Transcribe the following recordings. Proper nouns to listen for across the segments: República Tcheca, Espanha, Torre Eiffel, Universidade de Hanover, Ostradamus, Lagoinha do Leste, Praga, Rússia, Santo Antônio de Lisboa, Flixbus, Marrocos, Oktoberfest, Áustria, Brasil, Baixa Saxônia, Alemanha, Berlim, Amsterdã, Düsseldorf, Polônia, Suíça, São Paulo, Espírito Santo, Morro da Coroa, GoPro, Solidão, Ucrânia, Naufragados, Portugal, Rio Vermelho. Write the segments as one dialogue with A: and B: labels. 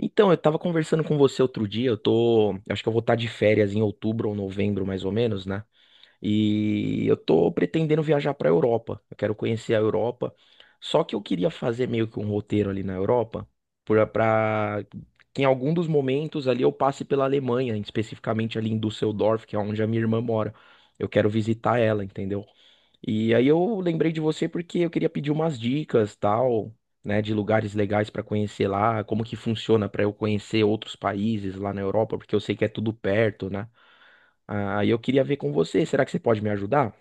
A: Então, eu tava conversando com você outro dia, eu acho que eu vou estar de férias em outubro ou novembro, mais ou menos, né? E eu tô pretendendo viajar para Europa. Eu quero conhecer a Europa. Só que eu queria fazer meio que um roteiro ali na Europa, para que em algum dos momentos ali eu passe pela Alemanha, especificamente ali em Düsseldorf, que é onde a minha irmã mora. Eu quero visitar ela, entendeu? E aí eu lembrei de você porque eu queria pedir umas dicas, tal, né, de lugares legais para conhecer lá, como que funciona para eu conhecer outros países lá na Europa, porque eu sei que é tudo perto, né? Aí eu queria ver com você. Será que você pode me ajudar?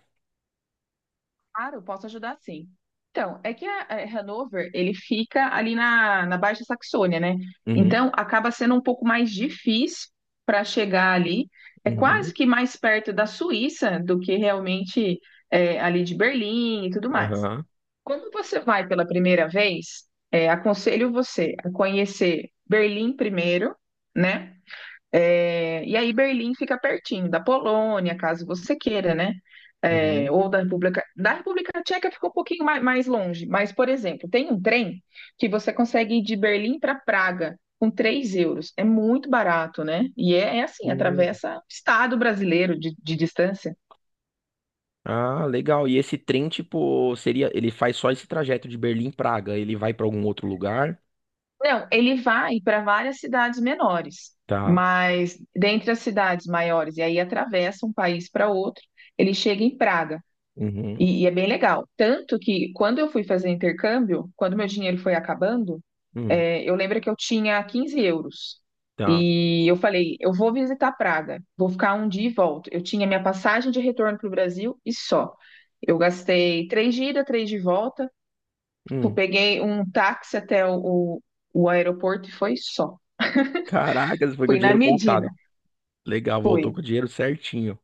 B: Claro, posso ajudar sim. Então, é que a Hanover, ele fica ali na Baixa Saxônia, né?
A: Uhum,
B: Então, acaba sendo um pouco mais difícil para chegar ali. É
A: uhum,
B: quase que mais perto da Suíça do que realmente ali de Berlim e tudo mais.
A: aham,
B: Quando você vai pela primeira vez, aconselho você a conhecer Berlim primeiro, né? E aí Berlim fica pertinho da Polônia, caso você queira, né?
A: uhum,
B: Ou da República Tcheca ficou um pouquinho mais longe, mas, por exemplo, tem um trem que você consegue ir de Berlim para Praga com 3 euros. É muito barato, né? E é assim,
A: hum.
B: atravessa o estado brasileiro de distância.
A: Ah, legal. E esse trem, tipo, seria, ele faz só esse trajeto de Berlim Praga. Ele vai pra algum outro lugar?
B: Não, ele vai para várias cidades menores,
A: Tá.
B: mas dentre as cidades maiores, e aí atravessa um país para outro, ele chega em Praga.
A: Uhum,
B: E é bem legal. Tanto que quando eu fui fazer intercâmbio, quando meu dinheiro foi acabando,
A: hum,
B: eu lembro que eu tinha 15 euros.
A: tá.
B: E eu falei, eu vou visitar Praga, vou ficar um dia e volto. Eu tinha minha passagem de retorno para o Brasil e só. Eu gastei três de ida, três de volta. Tipo,
A: Hum.
B: peguei um táxi até o aeroporto e foi só.
A: Caracas, foi com o
B: Fui na
A: dinheiro
B: medida.
A: contado. Legal, voltou com o
B: Fui,
A: dinheiro certinho.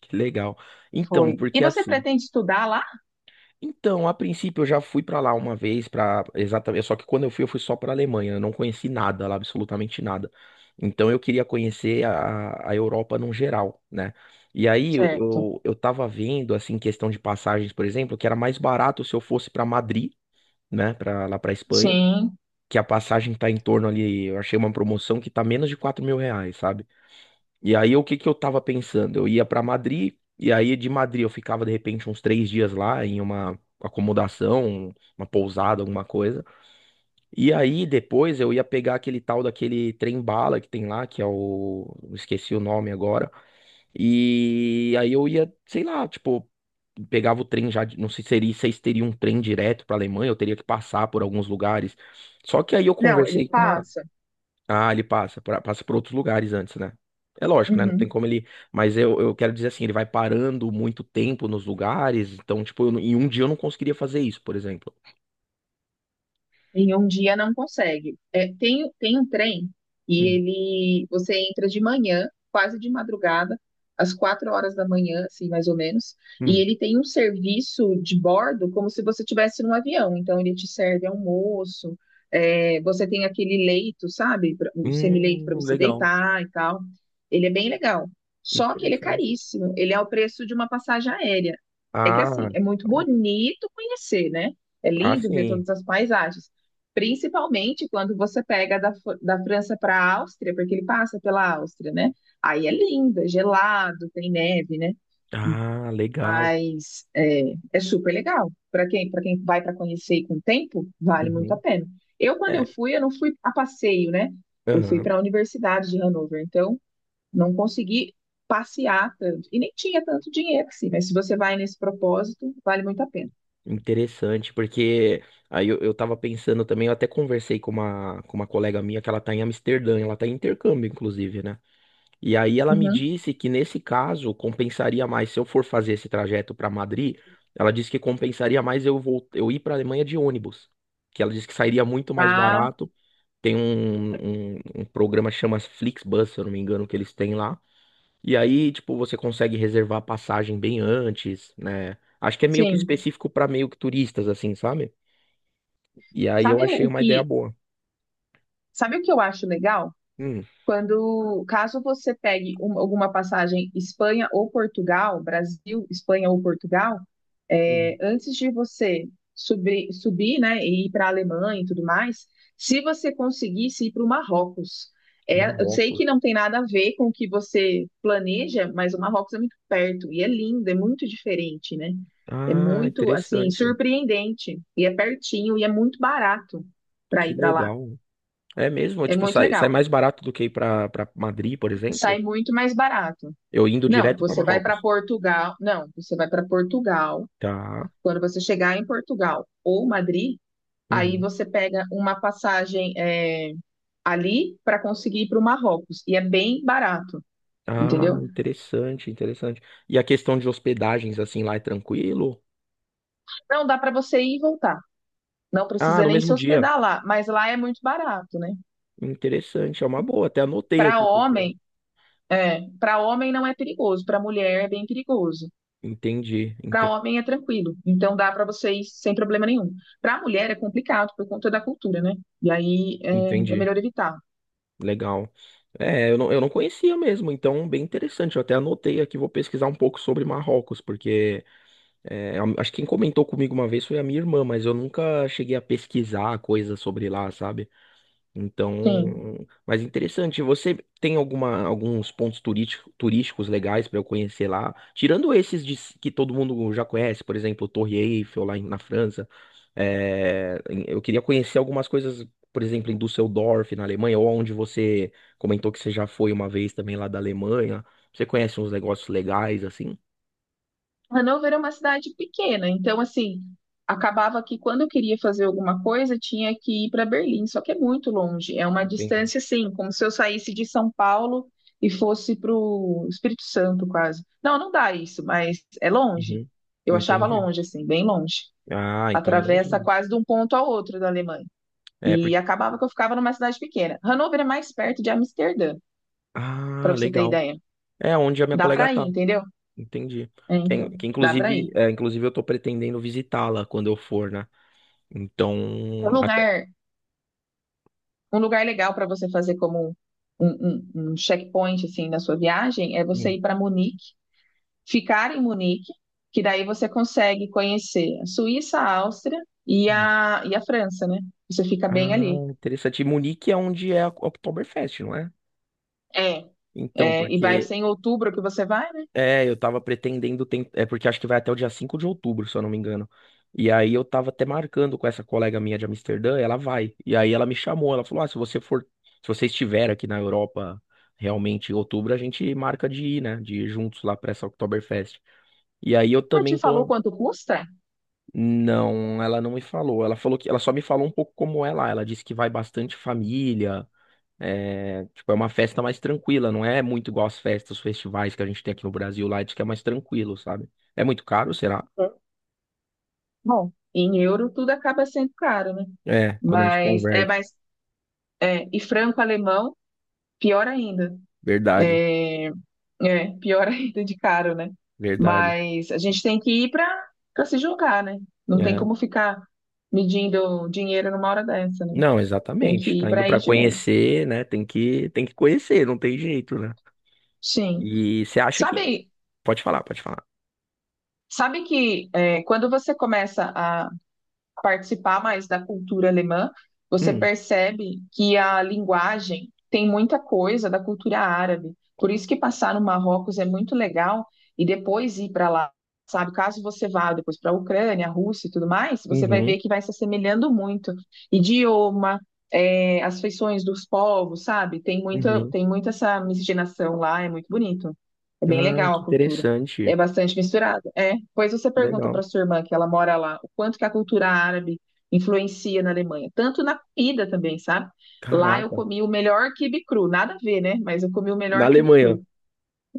A: Que legal. Então,
B: fui. E
A: porque
B: você
A: assim,
B: pretende estudar lá?
A: então, a princípio eu já fui pra lá uma vez para exatamente, só que quando eu fui só pra Alemanha, eu não conheci nada lá, absolutamente nada. Então eu queria conhecer a Europa num geral, né? E aí eu,
B: Certo.
A: eu, eu tava vendo assim questão de passagens, por exemplo, que era mais barato se eu fosse pra Madrid, né, para lá pra Espanha,
B: Sim.
A: que a passagem tá em torno ali, eu achei uma promoção que tá menos de R$ 4.000, sabe? E aí, o que que eu tava pensando? Eu ia pra Madrid, e aí de Madrid eu ficava de repente uns 3 dias lá em uma acomodação, uma pousada, alguma coisa. E aí depois eu ia pegar aquele tal daquele trem-bala que tem lá, que é o. Esqueci o nome agora. E aí eu ia, sei lá, tipo, pegava o trem já, não sei se seria, se teria um trem direto pra Alemanha, eu teria que passar por alguns lugares. Só que aí eu
B: Não, ele
A: conversei com uma
B: passa.
A: ah, ele passa, passa por outros lugares antes, né? É lógico, né? Não tem
B: Uhum.
A: como ele. Mas eu quero dizer assim, ele vai parando muito tempo nos lugares. Então, tipo, eu em um dia eu não conseguiria fazer isso, por exemplo.
B: Em um dia não consegue. É, tem um trem e
A: Hum,
B: ele você entra de manhã, quase de madrugada, às 4 horas da manhã, assim, mais ou menos, e
A: hum,
B: ele tem um serviço de bordo como se você estivesse num avião. Então ele te serve almoço, você tem aquele leito, sabe? Um semileito para
A: Hum,
B: você
A: legal.
B: deitar e tal. Ele é bem legal. Só que ele é
A: Interessante.
B: caríssimo. Ele é o preço de uma passagem aérea. É que
A: Ah,
B: assim, é muito
A: então,
B: bonito conhecer, né? É
A: ah,
B: lindo ver
A: sim.
B: todas as paisagens. Principalmente quando você pega da França para a Áustria, porque ele passa pela Áustria, né? Aí é lindo, é gelado, tem neve, né?
A: Ah, legal.
B: Mas é super legal. Para quem vai para conhecer e com tempo, vale muito a
A: Uhum.
B: pena. Eu, quando
A: É.
B: eu fui, eu não fui a passeio, né? Eu fui
A: Aham.
B: para a Universidade de Hanover, então não consegui passear tanto. E nem tinha tanto dinheiro assim, mas se você vai nesse propósito, vale muito a pena.
A: Interessante, porque aí eu tava pensando também, eu até conversei com uma colega minha que ela tá em Amsterdã, ela tá em intercâmbio, inclusive, né? E aí ela me
B: Uhum.
A: disse que nesse caso compensaria mais se eu for fazer esse trajeto para Madrid, ela disse que compensaria mais eu ir para Alemanha de ônibus, que ela disse que sairia muito mais
B: Ah,
A: barato. Tem um programa que chama Flixbus, se eu não me engano, que eles têm lá. E aí, tipo, você consegue reservar a passagem bem antes, né? Acho que é meio que
B: sim.
A: específico para meio que turistas, assim, sabe? E aí eu
B: Sabe o
A: achei
B: o
A: uma ideia
B: que,
A: boa.
B: sabe o que eu acho legal?
A: Hum,
B: Quando, caso você pegue alguma passagem Espanha ou Portugal, Brasil, Espanha ou Portugal,
A: hum,
B: antes de você subir, né, e ir para a Alemanha e tudo mais, se você conseguisse ir para o Marrocos, eu sei que
A: Marrocos.
B: não tem nada a ver com o que você planeja, mas o Marrocos é muito perto e é lindo, é muito diferente, né? É
A: Ah,
B: muito, assim,
A: interessante.
B: surpreendente e é pertinho e é muito barato para
A: Que
B: ir para lá.
A: legal. É mesmo?
B: É
A: Tipo,
B: muito
A: sai, sai
B: legal.
A: mais barato do que ir pra, pra Madrid, por
B: Sai
A: exemplo?
B: muito mais barato.
A: Eu indo
B: Não,
A: direto pra
B: você vai para
A: Marrocos.
B: Portugal. Não, você vai para Portugal.
A: Tá.
B: Quando você chegar em Portugal ou Madrid, aí
A: Uhum.
B: você pega uma passagem ali para conseguir ir para o Marrocos. E é bem barato,
A: Ah,
B: entendeu?
A: interessante, interessante. E a questão de hospedagens, assim, lá é tranquilo?
B: Não dá para você ir e voltar. Não
A: Ah,
B: precisa
A: no
B: nem se
A: mesmo dia.
B: hospedar lá, mas lá é muito barato, né?
A: Interessante, é uma boa. Até anotei
B: Para
A: aqui, porque.
B: homem, é, para homem não é perigoso, para mulher é bem perigoso.
A: Entendi,
B: Para
A: entendi,
B: homem é tranquilo, então dá para vocês sem problema nenhum. Para mulher é complicado por conta da cultura, né? E aí é
A: entendi.
B: melhor evitar.
A: Legal. É, eu não conhecia mesmo, então, bem interessante. Eu até anotei aqui, vou pesquisar um pouco sobre Marrocos, porque. É, acho que quem comentou comigo uma vez foi a minha irmã, mas eu nunca cheguei a pesquisar coisa sobre lá, sabe?
B: Sim.
A: Então, mas interessante. Você tem alguma, alguns pontos turísticos legais para eu conhecer lá? Tirando esses que todo mundo já conhece, por exemplo, Torre Eiffel lá na França. Eu queria conhecer algumas coisas, por exemplo, em Düsseldorf, na Alemanha, ou onde você comentou que você já foi uma vez também lá da Alemanha. Você conhece uns negócios legais assim?
B: Hannover é uma cidade pequena, então assim, acabava que quando eu queria fazer alguma coisa, tinha que ir para Berlim, só que é muito longe, é uma
A: Entendi.
B: distância assim, como se eu saísse de São Paulo e fosse para o Espírito Santo quase. Não, não dá isso, mas é longe.
A: Uhum.
B: Eu achava
A: Entendi.
B: longe, assim, bem longe.
A: Ah, então é
B: Atravessa
A: longinho.
B: quase de um ponto ao outro da Alemanha.
A: É,
B: E
A: porque...
B: acabava que eu ficava numa cidade pequena. Hannover é mais perto de Amsterdã, para
A: Ah,
B: você ter
A: legal.
B: ideia.
A: É onde a minha
B: Dá
A: colega
B: para ir,
A: tá.
B: entendeu?
A: Entendi.
B: É, então,
A: Que
B: dá para
A: inclusive,
B: ir.
A: é, inclusive eu tô pretendendo visitá-la quando eu for, né? Então,
B: Um
A: até...
B: lugar, um lugar legal para você fazer como um, um checkpoint assim na sua viagem é você
A: Hum,
B: ir para Munique, ficar em Munique, que daí você consegue conhecer a Suíça, a Áustria e
A: hum.
B: e a França, né? Você fica bem
A: Ah,
B: ali.
A: interessante. E Munique é onde é a Oktoberfest, não é?
B: É,
A: Então,
B: e vai
A: porque
B: ser em outubro que você vai, né?
A: é, eu tava pretendendo, é porque acho que vai até o dia 5 de outubro, se eu não me engano. E aí eu tava até marcando com essa colega minha de Amsterdã, ela vai. E aí ela me chamou, ela falou: "Ah, se você for, se você estiver aqui na Europa realmente em outubro, a gente marca de ir, né, de ir juntos lá pra essa Oktoberfest". E aí eu
B: Já
A: também
B: te falou
A: tô.
B: quanto custa?
A: Não, ela não me falou. Ela falou que ela só me falou um pouco como é lá. Ela disse que vai bastante família, é, tipo, é uma festa mais tranquila, não é muito igual as festas, os festivais que a gente tem aqui no Brasil, lá diz que é mais tranquilo, sabe? É muito caro, será?
B: É. Bom, em euro tudo acaba sendo caro, né?
A: É, quando a gente
B: Mas é
A: converte.
B: mais. É, e franco-alemão, pior ainda.
A: Verdade,
B: É, pior ainda de caro, né?
A: verdade.
B: Mas a gente tem que ir para se jogar, né? Não tem
A: É.
B: como ficar medindo dinheiro numa hora dessa, né?
A: Não,
B: Tem
A: exatamente.
B: que ir
A: Tá
B: para
A: indo
B: aí
A: pra
B: de vez.
A: conhecer, né? Tem que conhecer, não tem jeito, né?
B: Sim.
A: E você acha que.
B: Sabe,
A: Pode falar, pode falar.
B: sabe que é, quando você começa a participar mais da cultura alemã, você
A: Hum,
B: percebe que a linguagem tem muita coisa da cultura árabe. Por isso que passar no Marrocos é muito legal e depois ir para lá, sabe? Caso você vá depois para a Ucrânia, a Rússia e tudo mais, você vai ver
A: uhum,
B: que vai se assemelhando muito. Idioma, é, as feições dos povos, sabe?
A: uhum.
B: Tem muita essa miscigenação lá, é muito bonito. É bem
A: Ah,
B: legal
A: que
B: a cultura. É
A: interessante.
B: bastante misturado. É. Pois você pergunta
A: Legal.
B: para sua irmã, que ela mora lá, o quanto que a cultura árabe influencia na Alemanha, tanto na comida também, sabe? Lá eu
A: Caraca.
B: comi o melhor quibe cru, nada a ver, né? Mas eu comi o
A: Na
B: melhor quibe
A: Alemanha.
B: cru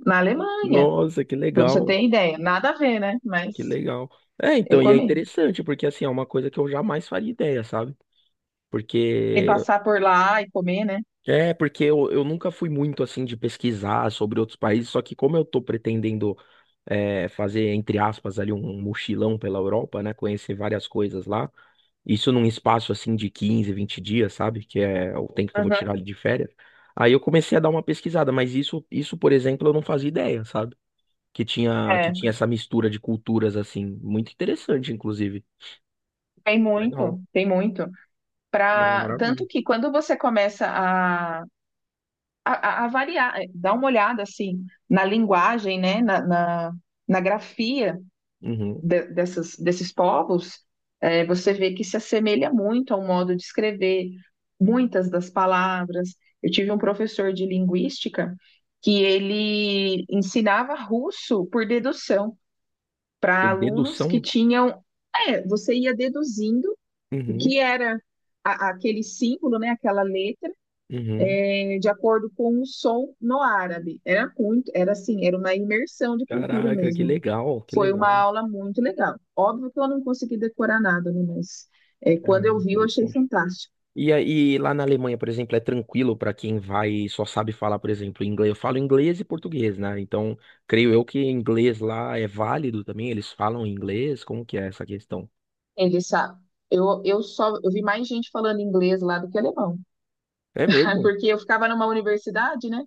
B: na Alemanha,
A: Nossa, que
B: para você
A: legal.
B: ter ideia. Nada a ver, né?
A: Que
B: Mas
A: legal. É,
B: eu
A: então, e é
B: comi.
A: interessante, porque assim, é uma coisa que eu jamais faria ideia, sabe?
B: E
A: Porque.
B: passar por lá e comer, né?
A: É, porque eu nunca fui muito assim de pesquisar sobre outros países, só que como eu tô pretendendo fazer, entre aspas, ali um mochilão pela Europa, né? Conhecer várias coisas lá. Isso num espaço assim de 15, 20 dias, sabe? Que é o tempo que eu vou
B: Uhum.
A: tirar de férias. Aí eu comecei a dar uma pesquisada, mas por exemplo, eu não fazia ideia, sabe? Que
B: É,
A: tinha essa mistura de culturas assim, muito interessante, inclusive.
B: tem
A: Legal.
B: muito, tem muito.
A: Não,
B: Pra...
A: maravilha.
B: Tanto que quando você começa a dar uma olhada assim na linguagem, né, na grafia
A: Uhum.
B: dessas, desses povos, você vê que se assemelha muito ao modo de escrever muitas das palavras. Eu tive um professor de linguística que ele ensinava russo por dedução para
A: Por
B: alunos que
A: dedução?
B: tinham, você ia deduzindo o
A: Uhum.
B: que era aquele símbolo, né, aquela letra
A: Uhum.
B: de acordo com o som no árabe. Era assim, era uma imersão de cultura
A: Caraca, que
B: mesmo.
A: legal, que
B: Foi uma
A: legal.
B: aula muito legal. Óbvio que eu não consegui decorar nada, né? Mas
A: Ah,
B: quando eu vi, eu achei
A: interessante.
B: fantástico.
A: E aí, lá na Alemanha, por exemplo, é tranquilo para quem vai e só sabe falar, por exemplo, inglês. Eu falo inglês e português, né? Então, creio eu que inglês lá é válido também. Eles falam inglês. Como que é essa questão?
B: Ele sabe. Eu só eu vi mais gente falando inglês lá do que alemão,
A: É mesmo?
B: porque eu ficava numa universidade, né?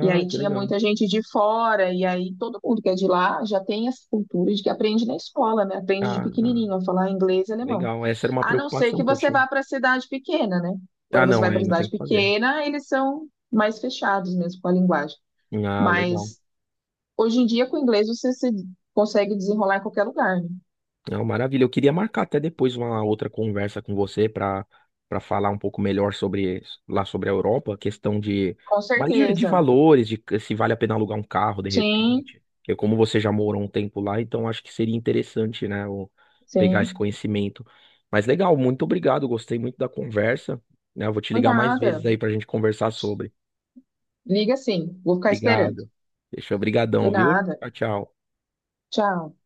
B: E aí
A: que
B: tinha
A: legal.
B: muita gente de fora, e aí todo mundo que é de lá já tem essa cultura de que aprende na escola, né? Aprende de
A: Ah,
B: pequenininho a falar inglês e alemão.
A: legal. Essa era uma
B: A não ser
A: preocupação
B: que
A: que eu
B: você
A: tinha.
B: vá para a cidade pequena, né?
A: Ah,
B: Quando você
A: não,
B: vai para
A: aí
B: a
A: não tem
B: cidade
A: o que fazer.
B: pequena, eles são mais fechados mesmo com a linguagem.
A: Ah, legal.
B: Mas hoje em dia, com o inglês, você se consegue desenrolar em qualquer lugar, né?
A: Não, maravilha. Eu queria marcar até depois uma outra conversa com você para para falar um pouco melhor sobre lá sobre a Europa, questão de
B: Com
A: mais de
B: certeza.
A: valores, de se vale a pena alugar um carro de
B: Sim,
A: repente. Eu, como você já morou um tempo lá, então acho que seria interessante, né, pegar esse
B: sim.
A: conhecimento. Mas legal, muito obrigado, gostei muito da conversa, né? Eu vou te
B: Foi
A: ligar mais
B: nada.
A: vezes aí para a gente conversar sobre.
B: Liga sim, vou ficar esperando.
A: Obrigado. Deixa
B: Foi
A: obrigadão, viu?
B: nada.
A: Tchau, tchau.
B: Tchau.